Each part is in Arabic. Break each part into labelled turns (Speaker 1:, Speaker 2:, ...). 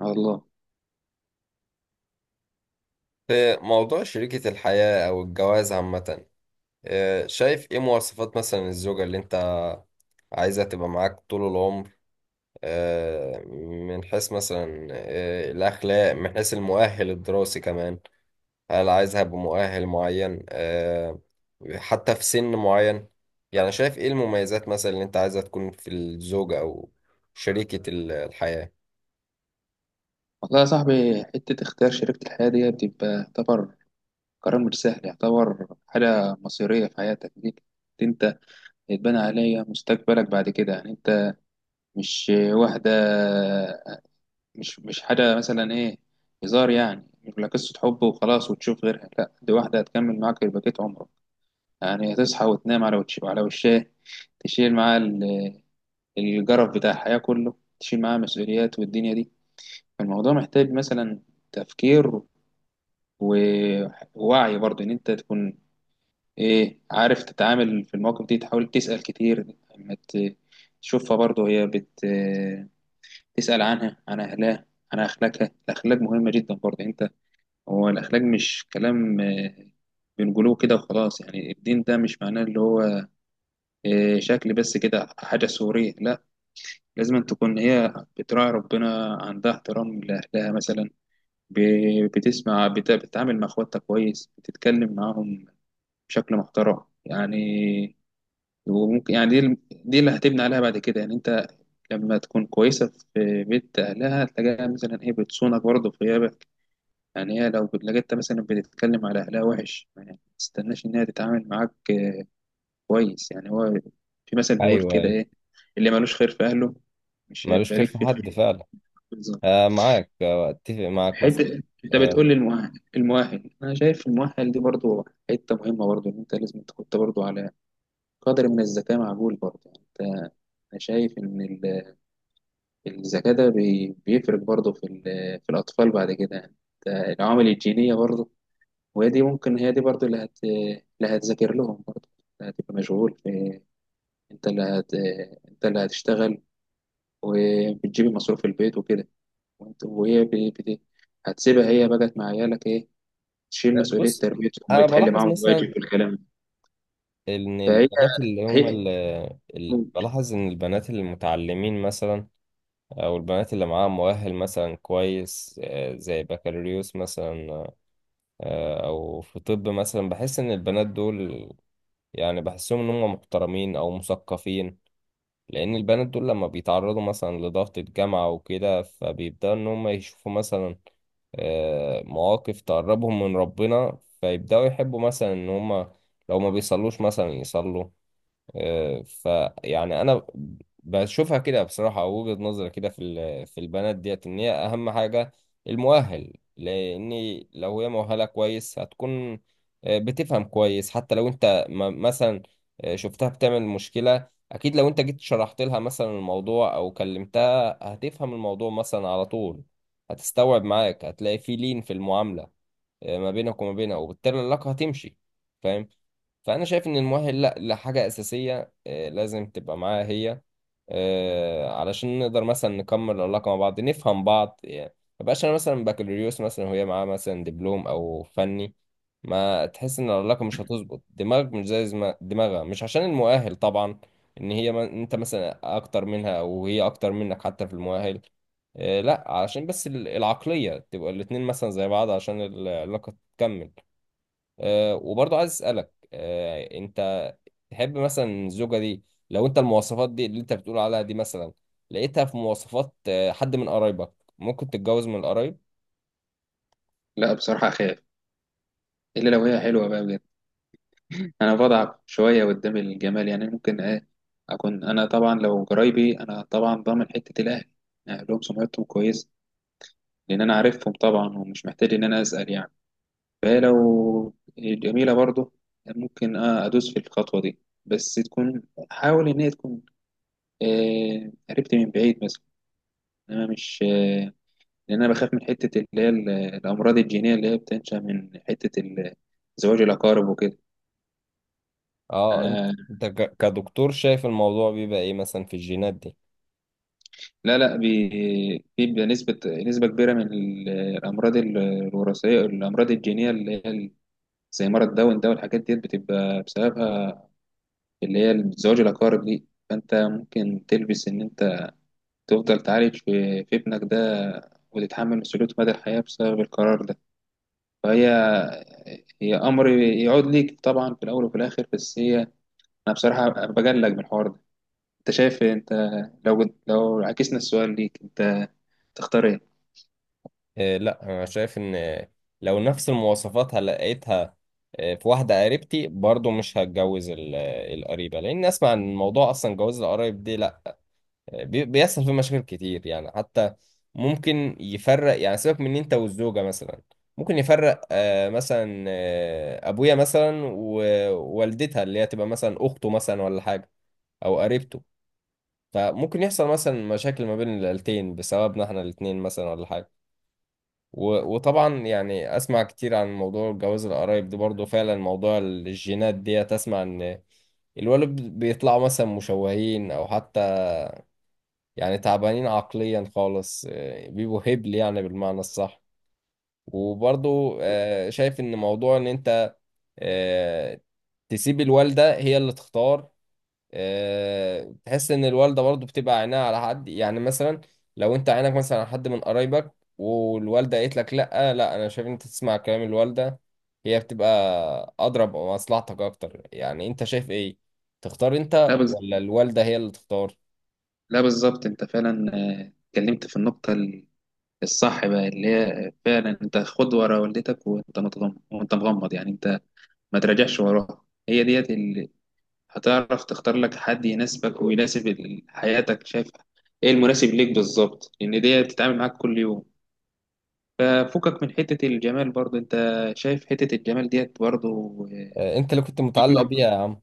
Speaker 1: على الله.
Speaker 2: في موضوع شريكة الحياة أو الجواز عامة، شايف إيه مواصفات مثلا الزوجة اللي أنت عايزة تبقى معاك طول العمر؟ من حيث مثلا الأخلاق، من حيث المؤهل الدراسي كمان. هل عايزها بمؤهل معين حتى في سن معين؟ يعني شايف إيه المميزات مثلا اللي أنت عايزها تكون في الزوجة أو شريكة الحياة؟
Speaker 1: والله يا صاحبي، حتة اختيار شريكة الحياة دي بتبقى يعتبر قرار مش سهل، يعتبر حاجة مصيرية في حياتك دي. انت يتبنى عليها مستقبلك بعد كده، يعني انت مش واحدة، مش حاجة مثلا ايه هزار، يعني مش ولا قصة حب وخلاص وتشوف غيرها، لا دي واحدة هتكمل معاك بقية عمرك. يعني هتصحى وتنام على وش، على وشها، تشيل معاه الجرف بتاع الحياة كله، تشيل معاه مسؤوليات والدنيا دي. فالموضوع محتاج مثلا تفكير و- ووعي برضه ان انت تكون ايه عارف، تتعامل في المواقف دي، تحاول تسأل كتير لما تشوفها برضه، هي تسأل عنها، عن اهلها، عن اخلاقها. الاخلاق مهمة جدا برضه انت، هو الاخلاق مش كلام بنقوله كده وخلاص، يعني الدين ده مش معناه اللي هو شكل بس كده، حاجة صورية، لا لازم أن تكون هي بتراعي ربنا، عندها احترام لأهلها مثلا، بتسمع، بتتعامل مع اخواتها كويس، بتتكلم معاهم بشكل محترم يعني. وممكن يعني دي اللي هتبني عليها بعد كده، يعني انت لما تكون كويسه في بيت اهلها هتلاقيها مثلا هي بتصونك برضه في غيابك. يعني هي لو لقيتها مثلا بتتكلم على اهلها وحش، يعني ما تستناش ان هي تتعامل معاك كويس. يعني هو في مثل بيقول
Speaker 2: ايوه،
Speaker 1: كده
Speaker 2: ايوه.
Speaker 1: ايه، اللي ملوش خير في اهله مش
Speaker 2: ملوش
Speaker 1: هيبقى
Speaker 2: خير
Speaker 1: ليك
Speaker 2: في
Speaker 1: فيه
Speaker 2: حد
Speaker 1: خير.
Speaker 2: فعلا.
Speaker 1: بالظبط.
Speaker 2: آه معاك، آه اتفق معاك
Speaker 1: حته
Speaker 2: مثلا.
Speaker 1: انت بتقول لي المؤهل انا شايف المؤهل دي برضه حته مهمه، برضه ان انت لازم تحط برضه على قدر من الذكاء معقول، برضه يعني انت انا شايف ان الذكاء ده بيفرق برضه في في الاطفال بعد كده، يعني انت العوامل الجينيه برضه. وهي دي ممكن، هي دي برضه اللي هتذاكر لهم برضه، اللي هتبقى مشغول في، انت اللي هت انت اللي هتشتغل وبتجيب مصروف البيت وكده، وانت وهي هتسيبها هي بقت مع عيالك ايه، تشيل مسؤوليه
Speaker 2: بص،
Speaker 1: تربيتهم
Speaker 2: انا
Speaker 1: وتحل
Speaker 2: بلاحظ
Speaker 1: معاهم
Speaker 2: مثلا
Speaker 1: الواجب والكلام ده.
Speaker 2: ان
Speaker 1: فهي
Speaker 2: البنات
Speaker 1: هي
Speaker 2: اللي بلاحظ ان البنات المتعلمين مثلا، او البنات اللي معاها مؤهل مثلا كويس، زي بكالوريوس مثلا، او في طب مثلا، بحس ان البنات دول، يعني بحسهم ان هم محترمين او مثقفين، لان البنات دول لما بيتعرضوا مثلا لضغط الجامعة وكده فبيبدأوا ان هم يشوفوا مثلا مواقف تقربهم من ربنا، فيبدأوا يحبوا مثلا ان هم لو ما بيصلوش مثلا يصلوا. فيعني انا بشوفها كده بصراحه، او وجهه نظري كده في البنات ديت، ان هي اهم حاجه المؤهل، لان لو هي مؤهله كويس هتكون بتفهم كويس. حتى لو انت مثلا شفتها بتعمل مشكله، اكيد لو انت جيت شرحت لها مثلا الموضوع او كلمتها هتفهم الموضوع مثلا على طول، هتستوعب معاك، هتلاقي في لين في المعامله ما بينك وما بينها، وبالتالي العلاقه هتمشي، فاهم؟ فانا شايف ان المؤهل لا لحاجه اساسيه، لازم تبقى معاها هي، علشان نقدر مثلا نكمل العلاقه مع بعض، نفهم بعض يعني. ما بقاش انا مثلا بكالوريوس مثلا وهي معاها مثلا دبلوم او فني، ما تحس ان العلاقه مش هتظبط. دماغك مش زي دماغها، مش عشان المؤهل طبعا ان هي ما انت مثلا اكتر منها او هي اكتر منك حتى في المؤهل، لا علشان بس العقليه تبقى الاتنين مثلا زي بعض عشان العلاقه تكمل. وبرضه عايز اسالك، انت تحب مثلا الزوجه دي؟ لو انت المواصفات دي اللي انت بتقول عليها دي مثلا لقيتها في مواصفات حد من قرايبك، ممكن تتجوز من القرايب؟
Speaker 1: لا بصراحه اخاف، الا لو هي حلوه بقى بجد. انا بضعف شويه قدام الجمال، يعني ممكن ايه اكون انا طبعا، لو قرايبي انا طبعا ضامن حته الاهل، يعني لهم سمعتهم كويس، لان انا عارفهم طبعا ومش محتاج ان انا اسال يعني. فهي لو جميله برضه ممكن ادوس في الخطوه دي، بس تكون، حاول ان هي تكون قربت من بعيد مثلا. انا مش لان انا بخاف من حته اللي هي الامراض الجينيه اللي هي بتنشا من حته زواج الاقارب
Speaker 2: اه انت
Speaker 1: وكده.
Speaker 2: انت كدكتور شايف الموضوع بيبقى ايه مثلا في الجينات دي؟
Speaker 1: لا لا، بيبقى نسبة، كبيرة من الأمراض الوراثية، الأمراض الجينية اللي هي زي مرض داون ده، والحاجات ديت بتبقى بسببها، اللي هي زواج الأقارب دي. فأنت ممكن تلبس إن أنت تفضل تعالج في ابنك ده، وتتحمل مسؤولية مدى الحياة بسبب القرار ده. فهي أمر يعود ليك طبعا في الأول وفي الآخر، بس هي، أنا بصراحة بجلج من الحوار ده. أنت شايف إيه؟ أنت لو عكسنا السؤال ليك، أنت تختار إيه؟
Speaker 2: لا، انا شايف ان لو نفس المواصفات لقيتها في واحده قريبتي برضه، مش هتجوز القريبه، لان اسمع عن الموضوع اصلا. جواز القرايب دي لا، بيحصل فيه مشاكل كتير يعني. حتى ممكن يفرق، يعني سيبك من إن انت والزوجة مثلا ممكن يفرق مثلا ابويا مثلا ووالدتها اللي هي تبقى مثلا اخته مثلا ولا حاجة، او قريبته، فممكن يحصل مثلا مشاكل ما بين العيلتين بسببنا احنا الاتنين مثلا ولا حاجة. وطبعا يعني اسمع كتير عن موضوع جواز القرايب ده، برضو فعلا موضوع الجينات ديت، اسمع ان الولد بيطلعوا مثلا مشوهين او حتى يعني تعبانين عقليا خالص، بيبقوا هبل يعني بالمعنى الصح. وبرضو شايف ان موضوع ان انت آه، تسيب الوالدة هي اللي تختار، تحس ان الوالدة برضو بتبقى عينها على حد يعني. مثلا لو انت عينك مثلا على حد من قرايبك والوالدة قالت لك لا، لا، انا شايف ان انت تسمع كلام الوالدة، هي بتبقى اضرب مصلحتك اكتر، يعني انت شايف ايه؟ تختار
Speaker 1: لا
Speaker 2: انت
Speaker 1: بس،
Speaker 2: ولا الوالدة هي اللي تختار؟
Speaker 1: لا بالظبط انت فعلا اتكلمت في النقطة الصح بقى، اللي هي فعلا انت خد ورا والدتك وانت متغمض، وانت مغمض يعني انت ما تراجعش وراها. هي ديت اللي هتعرف تختار لك حد يناسبك ويناسب حياتك، شايف ايه المناسب ليك بالظبط، لان ديت بتتعامل معاك كل يوم. ففكك من حتة الجمال برضه انت، شايف حتة الجمال ديت برضه
Speaker 2: انت اللي كنت متعلق
Speaker 1: مهمة.
Speaker 2: بيها يا عم.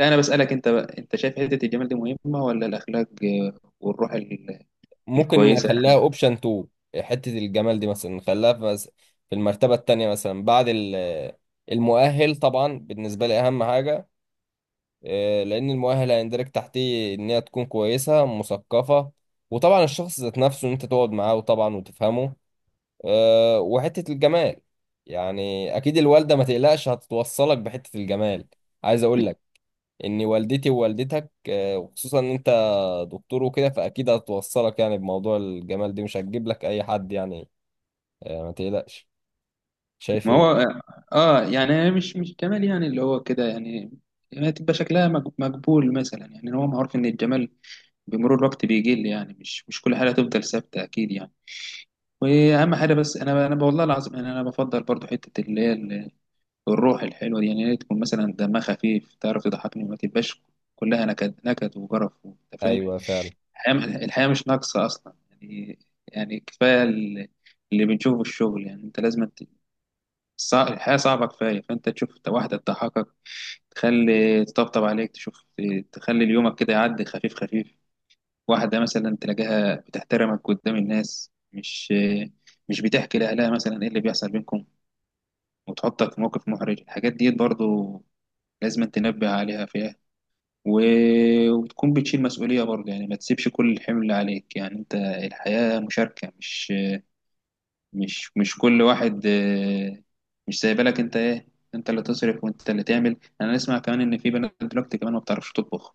Speaker 1: لا انا بسألك انت بقى، انت شايف حتة الجمال دي مهمة ولا الاخلاق والروح
Speaker 2: ممكن
Speaker 1: الكويسة؟
Speaker 2: اخليها اوبشن 2. حتة الجمال دي مثلا نخليها في في المرتبة التانية مثلا بعد المؤهل طبعا بالنسبة لي، اهم حاجة لان المؤهل هيندرج تحتيه ان هي تكون كويسة مثقفة، وطبعا الشخص ذات نفسه ان انت تقعد معاه وطبعا وتفهمه. وحتة الجمال، يعني اكيد الوالدة ما تقلقش، هتتوصلك بحتة الجمال. عايز اقول لك ان والدتي ووالدتك وخصوصا ان انت دكتور وكده، فاكيد هتوصلك يعني بموضوع الجمال دي، مش هتجيب لك اي حد يعني، ما تقلقش. شايف
Speaker 1: ما
Speaker 2: ايه؟
Speaker 1: هو اه، يعني أنا مش جمال يعني اللي هو كده يعني، يعني تبقى شكلها مقبول مثلا. يعني هو معروف ان الجمال بمرور الوقت بيقل، يعني مش، كل حاجه تفضل ثابته اكيد يعني. واهم حاجه، بس انا، والله العظيم انا بفضل برضو حته اللي هي الروح الحلوه دي. يعني هي تكون مثلا دمها خفيف، تعرف تضحكني، ما تبقاش كلها نكد نكد وجرف انت فاهم.
Speaker 2: ايوه فعلا.
Speaker 1: الحياه مش ناقصه اصلا يعني. يعني كفايه اللي بنشوفه في الشغل، يعني انت لازم، الحياة صعبة كفاية، فأنت تشوف واحدة تضحكك، تخلي تطبطب عليك، تشوف تخلي اليومك كده يعدي خفيف خفيف. واحدة مثلا تلاقيها بتحترمك قدام الناس، مش بتحكي لأهلها مثلا إيه اللي بيحصل بينكم، وتحطك في موقف محرج. الحاجات دي برضو لازم تنبه عليها فيها، و... وتكون بتشيل مسؤولية برضو، يعني ما تسيبش كل الحمل عليك، يعني أنت الحياة مشاركة، مش مش كل واحد مش سايبالك انت ايه، انت اللي تصرف وانت اللي تعمل. انا اسمع كمان ان في بنات دلوقتي كمان ما بتعرفش تطبخ،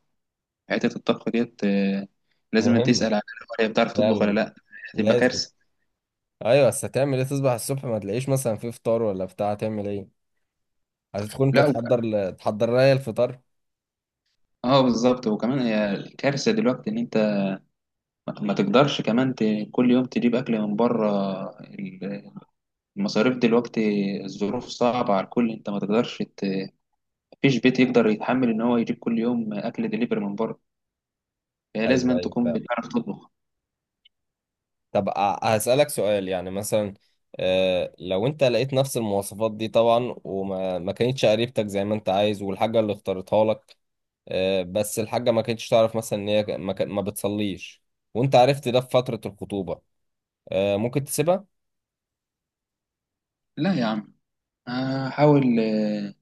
Speaker 1: حته الطبخ ديت لازم انت تسال
Speaker 2: مهمة
Speaker 1: عليها هي بتعرف تطبخ ولا
Speaker 2: فعلا.
Speaker 1: لا، هتبقى
Speaker 2: لازم.
Speaker 1: كارثه.
Speaker 2: ايوه، بس هتعمل ايه؟ تصبح الصبح ما تلاقيش مثلا في فطار ولا بتاع، هتعمل ايه؟ هتدخل انت
Speaker 1: لا.
Speaker 2: تحضر تحضر لها الفطار.
Speaker 1: اه بالظبط. وكمان هي كارثه دلوقتي ان انت ما تقدرش كمان كل يوم تجيب اكل من بره. ال- المصاريف دلوقتي، الظروف صعبه على الكل، انت ما تقدرش مفيش بيت يقدر يتحمل ان هو يجيب كل يوم اكل دليفري من بره. فهي لازم
Speaker 2: ايوه
Speaker 1: أن
Speaker 2: ايوه
Speaker 1: تكون
Speaker 2: فعلا.
Speaker 1: بتعرف تطبخ.
Speaker 2: طب هسألك سؤال، يعني مثلا آه لو انت لقيت نفس المواصفات دي طبعا، وما ما كانتش قريبتك زي ما انت عايز والحاجة اللي اختارتها لك، بس الحاجة ما كانتش تعرف مثلا ان هي ما بتصليش، وانت عرفت ده في فترة الخطوبة. ممكن تسيبها؟
Speaker 1: لا يا عم، هحاول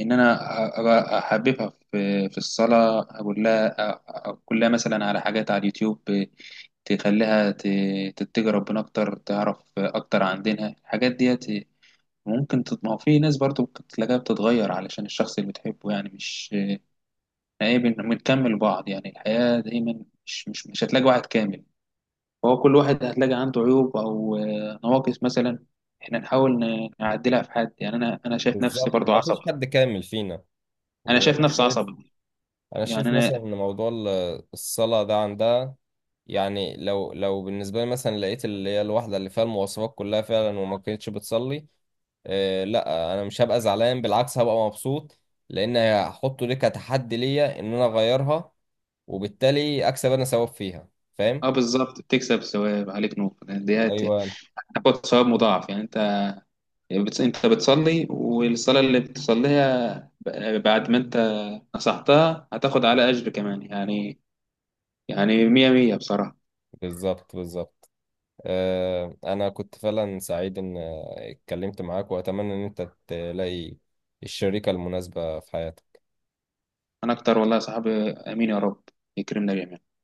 Speaker 1: ان انا أبقى احببها في، في الصلاه، اقول لها، اقول لها مثلا على حاجات على اليوتيوب، تخليها تتجه ربنا اكتر، تعرف اكتر عن دينها، الحاجات ديت ممكن ما هو في ناس برضو ممكن تلاقيها بتتغير علشان الشخص اللي بتحبه، يعني مش عيب ان بنكمل بعض. يعني الحياه دايما مش، مش هتلاقي واحد كامل، فهو كل واحد هتلاقي عنده عيوب او نواقص مثلا، احنا نحاول نعدلها في حد، يعني انا، شايف نفسي
Speaker 2: بالظبط، ما
Speaker 1: برضو
Speaker 2: فيش
Speaker 1: عصبي.
Speaker 2: حد كامل فينا.
Speaker 1: انا شايف
Speaker 2: وانا
Speaker 1: نفسي
Speaker 2: شايف،
Speaker 1: عصبي
Speaker 2: انا
Speaker 1: يعني
Speaker 2: شايف مثلا
Speaker 1: انا.
Speaker 2: ان موضوع الصلاة ده عندها، يعني لو بالنسبة لي مثلا لقيت اللي هي الواحدة اللي فيها المواصفات كلها فعلا، وما كانتش بتصلي، لا، انا مش هبقى زعلان، بالعكس هبقى مبسوط، لان هحطه ليه كتحدي ليا ان انا اغيرها، وبالتالي اكسب انا ثواب فيها، فاهم؟
Speaker 1: اه بالظبط، بتكسب ثواب عليك نور، يعني ديت
Speaker 2: ايوه،
Speaker 1: هتاخد ثواب مضاعف يعني انت، انت بتصلي، والصلاه اللي بتصليها بعد ما انت نصحتها هتاخد على اجر كمان يعني. يعني مية مية بصراحه.
Speaker 2: بالظبط بالظبط. انا كنت فعلا سعيد ان اتكلمت معاك، واتمنى ان انت تلاقي الشريكة المناسبة في حياتك.
Speaker 1: انا اكتر والله يا صاحبي، امين يا رب، يكرمنا جميعا.